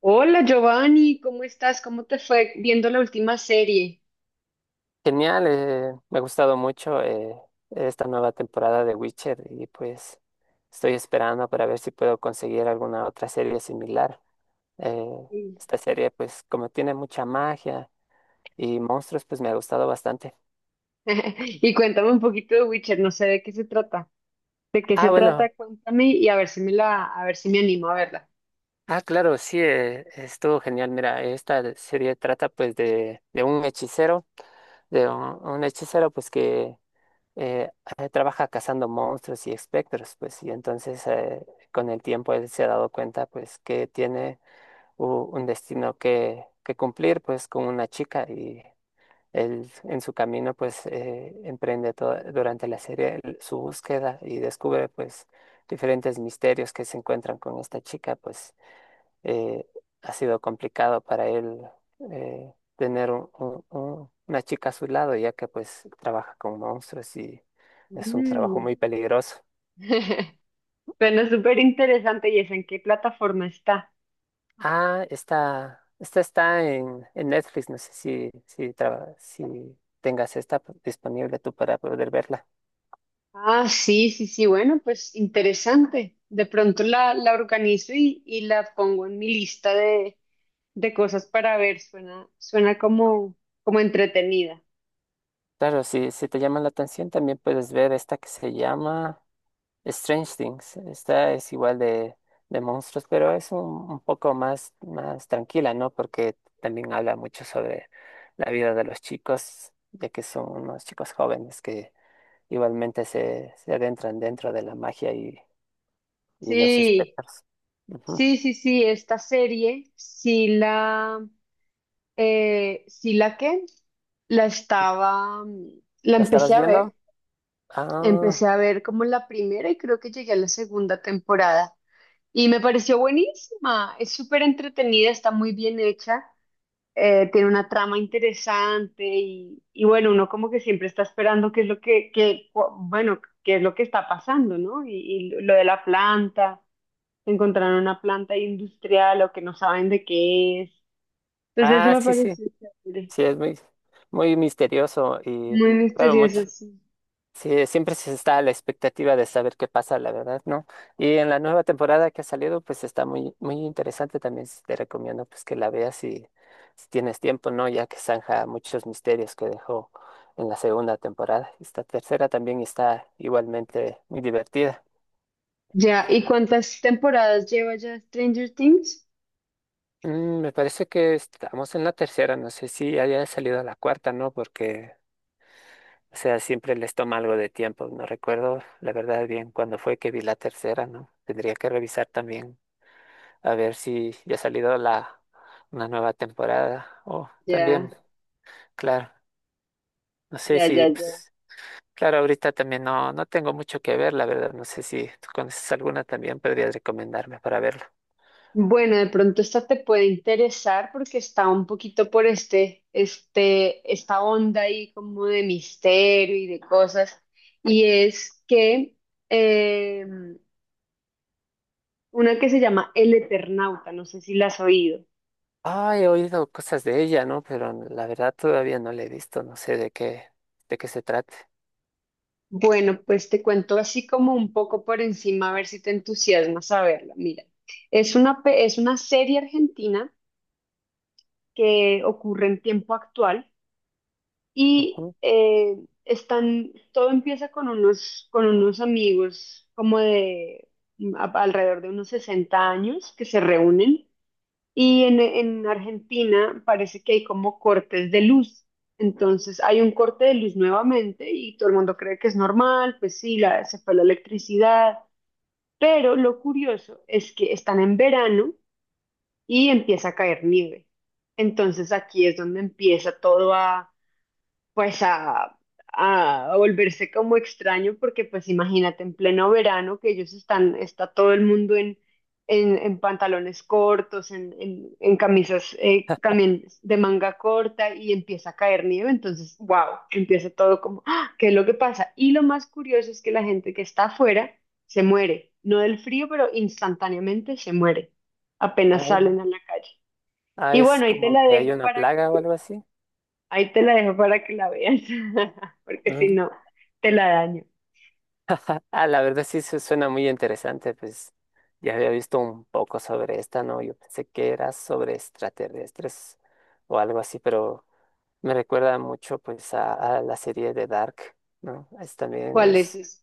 Hola Giovanni, ¿cómo estás? ¿Cómo te fue viendo la última serie? Genial, me ha gustado mucho, esta nueva temporada de Witcher, y pues estoy esperando para ver si puedo conseguir alguna otra serie similar. Eh, Sí. Esta serie pues como tiene mucha magia y monstruos pues me ha gustado bastante. Y cuéntame un poquito de Witcher, no sé de qué se trata. ¿De qué se Ah, bueno, trata? Cuéntame y a ver si a ver si me animo a verla. ah, claro, sí, estuvo genial. Mira, esta serie trata pues de un hechicero, de un hechicero pues que eh, trabaja cazando monstruos y espectros, pues, y entonces, con el tiempo él se ha dado cuenta, pues, que tiene un destino que cumplir, pues, con una chica, y él en su camino, pues, emprende durante la serie su búsqueda y descubre, pues, diferentes misterios que se encuentran con esta chica. Pues eh, ha sido complicado para él, tener una chica a su lado, ya que pues trabaja con monstruos y es un trabajo Mm. muy peligroso. Bueno, súper interesante. ¿Y es en qué plataforma está? Ah, esta está en Netflix. No sé si, si, si tengas esta disponible tú para poder verla. Ah, sí, sí, sí. Bueno, pues interesante. De pronto la organizo y la pongo en mi lista de cosas para ver. Suena como, como entretenida. Claro, si, si te llama la atención, también puedes ver esta que se llama Strange Things. Esta es igual de monstruos, pero es un poco más, más tranquila, ¿no? Porque también habla mucho sobre la vida de los chicos, ya que son unos chicos jóvenes que igualmente se adentran dentro de la magia, y los Sí. espectros. Ujú. Sí, sí, sí, esta serie, sí la que la estaba, mm, la ¿La estabas viendo? Ah, empecé a ver como la primera y creo que llegué a la segunda temporada y me pareció buenísima, es súper entretenida, está muy bien hecha, tiene una trama interesante y bueno, uno como que siempre está esperando qué es lo que, bueno, qué es lo que está pasando, ¿no? Y lo de la planta encontraron una planta industrial o que no saben de qué es. Entonces eso ah, me sí, sí. pareció chévere, Sí, es muy, muy misterioso y, muy claro, mucho. misterioso, sí. Sí, siempre se está a la expectativa de saber qué pasa, la verdad, ¿no? Y en la nueva temporada que ha salido, pues está muy, muy interesante también. Te recomiendo pues que la veas si, si tienes tiempo, ¿no? Ya que zanja muchos misterios que dejó en la segunda temporada. Esta tercera también está igualmente muy divertida. Ya, ¿y cuántas temporadas lleva ya Stranger Things? Mm, me parece que estamos en la tercera, no sé si haya salido la cuarta, ¿no? Porque, o sea, siempre les toma algo de tiempo. No recuerdo, la verdad, bien cuándo fue que vi la tercera, ¿no? Tendría que revisar también a ver si ya ha salido la, una nueva temporada. O Ya, también, claro, no sé ya, ya, si, ya. pues, claro, ahorita también no, no tengo mucho que ver, la verdad. No sé si tú conoces alguna también, podrías recomendarme para verla. Bueno, de pronto esta te puede interesar porque está un poquito por esta onda ahí como de misterio y de cosas. Y es que eh, una que se llama El Eternauta, no sé si la has oído. Ah, he oído cosas de ella, ¿no? Pero la verdad todavía no la he visto, no sé de qué se trate. Bueno, pues te cuento así como un poco por encima, a ver si te entusiasma saberla. Mira, es es una serie argentina que ocurre en tiempo actual y Ujú. Están, todo empieza con con unos amigos como de alrededor de unos 60 años que se reúnen y en Argentina parece que hay como cortes de luz. Entonces hay un corte de luz nuevamente y todo el mundo cree que es normal, pues sí, la, se fue la electricidad. Pero lo curioso es que están en verano y empieza a caer nieve. Entonces aquí es donde empieza todo a pues a, a volverse como extraño, porque pues imagínate en pleno verano que ellos están, está todo el mundo en pantalones cortos, en camisas también de manga corta y empieza a caer nieve, entonces, wow, empieza todo como, ¡ah! ¿Qué es lo que pasa? Y lo más curioso es que la gente que está afuera se muere, no del frío, pero instantáneamente se muere, apenas Ah, salen a la calle. ah, Y es bueno, ahí te como la que hay dejo una para plaga o algo así. ahí te la dejo para que la veas, porque si no, te la daño. Ah, la verdad sí se suena muy interesante, pues ya había visto un poco sobre esta, ¿no? Yo pensé que era sobre extraterrestres o algo así, pero me recuerda mucho pues a la serie de Dark, ¿no? Es también ¿Cuál es es, eso?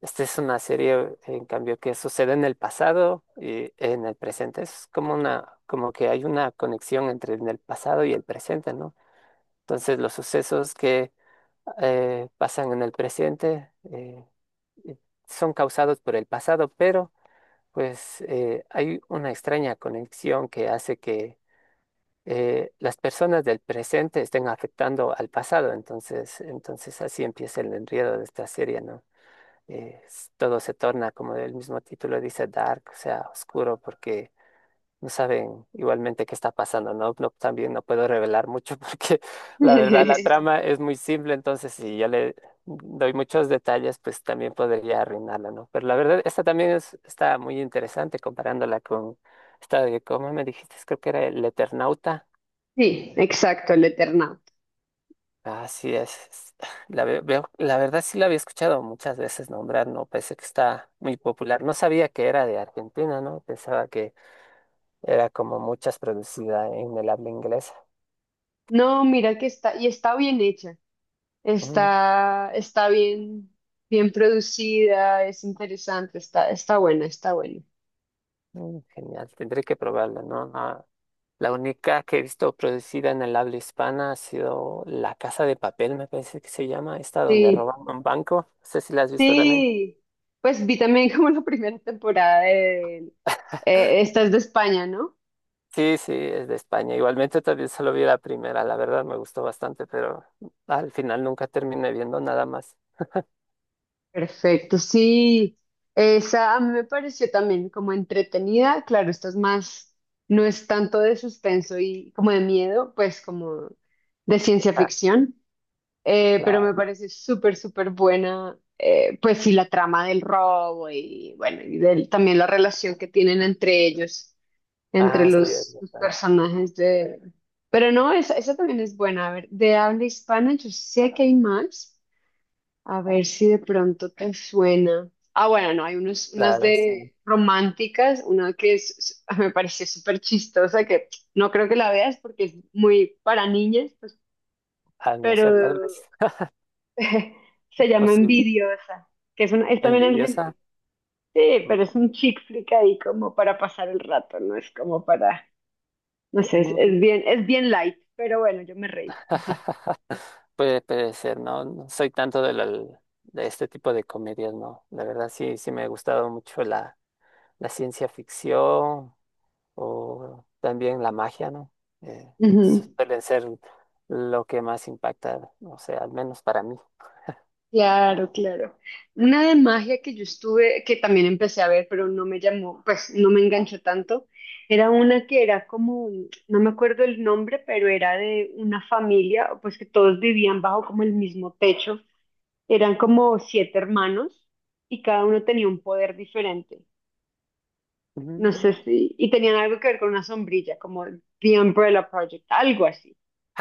esta es una serie en cambio que sucede en el pasado y en el presente. Es como una, como que hay una conexión entre en el pasado y el presente, ¿no? Entonces los sucesos que pasan en el presente eh, son causados por el pasado, pero pues hay una extraña conexión que hace que las personas del presente estén afectando al pasado. Entonces así empieza el enredo de esta serie, ¿no? Todo se torna, como el mismo título dice, dark, o sea, oscuro, porque no saben igualmente qué está pasando, ¿no? No, también no puedo revelar mucho porque la verdad la trama es muy simple, entonces si yo le doy muchos detalles, pues también podría arruinarla, ¿no? Pero la verdad, esta también es, está muy interesante comparándola con esta de, ¿cómo me dijiste? Creo que era El Eternauta. Sí, exacto, el Eternauta. Así es. La, la verdad sí la había escuchado muchas veces nombrar, ¿no? Pensé que está muy popular. No sabía que era de Argentina, ¿no? Pensaba que era como muchas producida en el habla inglesa. No, mira que está, y está bien hecha, Mm. está, está bien, bien producida, es interesante, está, está buena, está buena. Mm, genial, tendré que probarla, ¿no? Ah, la única que he visto producida en el habla hispana ha sido La Casa de Papel, me parece que se llama, esta donde Sí, roban un banco. No sé si la has visto también. sí, pues vi también como la primera temporada de, esta es de España, ¿no? Sí, sí, es de España. Igualmente también solo vi la primera, la verdad me gustó bastante, pero al final nunca terminé viendo nada más. Perfecto, sí, esa a mí me pareció también como entretenida, claro, esta es más, no es tanto de suspenso y como de miedo, pues como de ciencia Ah, ficción, pero me claro. parece súper, súper buena, pues sí, la trama del robo y bueno, y del- también la relación que tienen entre ellos, entre Ah, sí, es los verdad. personajes de... Pero no, esa también es buena, a ver, de habla hispana, yo sé que hay más. A ver si de pronto te suena. Ah, bueno, no, hay unos, unas Claro, sí. de románticas, una que es- me pareció súper chistosa, que no creo que la veas porque es muy para niñas, pues, Ah, no sé, tal vez pero es se llama posible. Envidiosa, que es, una, es también argentina. ¿Envidiosa? Sí, Mm. pero es un chick flick ahí como para pasar el rato, no es como para, no sé, Mm. Es bien light, pero bueno, yo me reí. Puede, puede ser, ¿no? No soy tanto de este tipo de comedias, ¿no? La verdad sí, sí me ha gustado mucho la, la ciencia ficción, o también la magia, ¿no? Eh, Ujú. Suelen ser lo que más impacta, o sea, al menos para mí. Claro, claro. Una de magia que yo estuve, que también empecé a ver, pero no me llamó, pues no me enganchó tanto, era una que era como, no me acuerdo el nombre, pero era de una familia, pues que todos vivían bajo como el mismo techo. Eran como siete hermanos y cada uno tenía un poder diferente. No sé Mm. si, y tenían algo que ver con una sombrilla, como The Umbrella Project, algo así.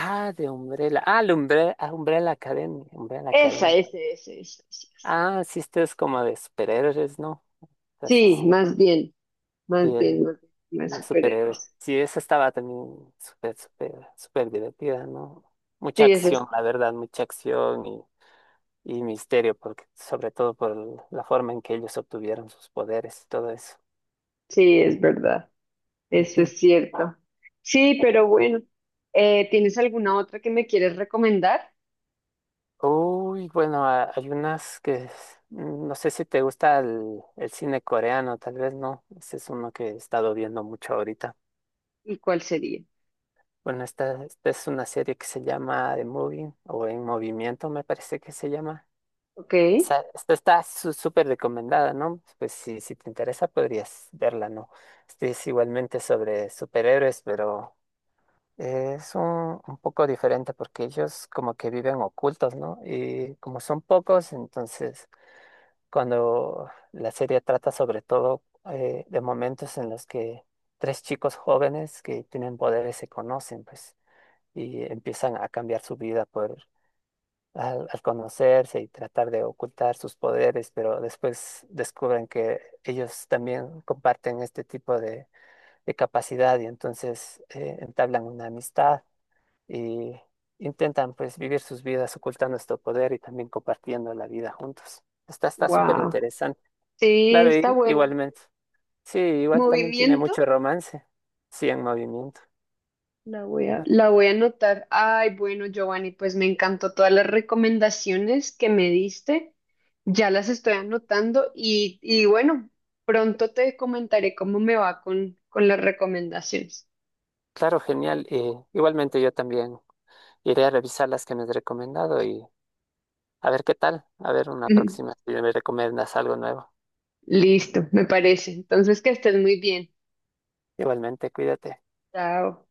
Ah, de Umbrella. Ah, la Umbrella, ah, Umbrella Academy. Umbrella Esa, Academy. ese, ese, ese, ese. Ese. Ah, sí, esto es como de superhéroes, ¿no? O sea, Sí, sí, más bien, sí. más bien, más bien, más Un superhéroe. superhéroes. Sí, esa estaba también súper, súper, súper divertida, ¿no? Mucha Sí, eso es, acción, la verdad, mucha acción, y misterio, porque, sobre todo por la forma en que ellos obtuvieron sus poderes y todo eso. sí, es verdad. Eso Ujú. es cierto. Sí, pero bueno, ¿tienes alguna otra que me quieres recomendar? Uy, bueno, hay unas que no sé si te gusta el cine coreano, tal vez no. Ese es uno que he estado viendo mucho ahorita. ¿Y cuál sería? Bueno, esta es una serie que se llama The Moving o En Movimiento, me parece que se llama. Ok, Esta está súper recomendada, ¿no? Pues si, si te interesa podrías verla, ¿no? Este es igualmente sobre superhéroes, pero es un poco diferente porque ellos como que viven ocultos, ¿no? Y como son pocos, entonces cuando la serie trata sobre todo, de momentos en los que tres chicos jóvenes que tienen poderes se conocen, pues, y empiezan a cambiar su vida por al conocerse y tratar de ocultar sus poderes, pero después descubren que ellos también comparten este tipo de capacidad, y entonces entablan una amistad, y intentan pues vivir sus vidas ocultando este poder, y también compartiendo la vida juntos. Está, está súper wow. interesante. Sí, Claro, está buena. igualmente. Sí, igual también tiene Movimiento, mucho romance. Sí, en movimiento. Ah, la voy a anotar. Ay, bueno, Giovanni, pues me encantó todas las recomendaciones que me diste. Ya las estoy anotando y bueno, pronto te comentaré cómo me va con las recomendaciones. claro, genial. Igualmente yo también iré a revisar las que me has recomendado, y a ver qué tal, a ver una próxima si me recomiendas algo nuevo. Listo, me parece. Entonces, que estés muy bien. Igualmente, cuídate. Chao.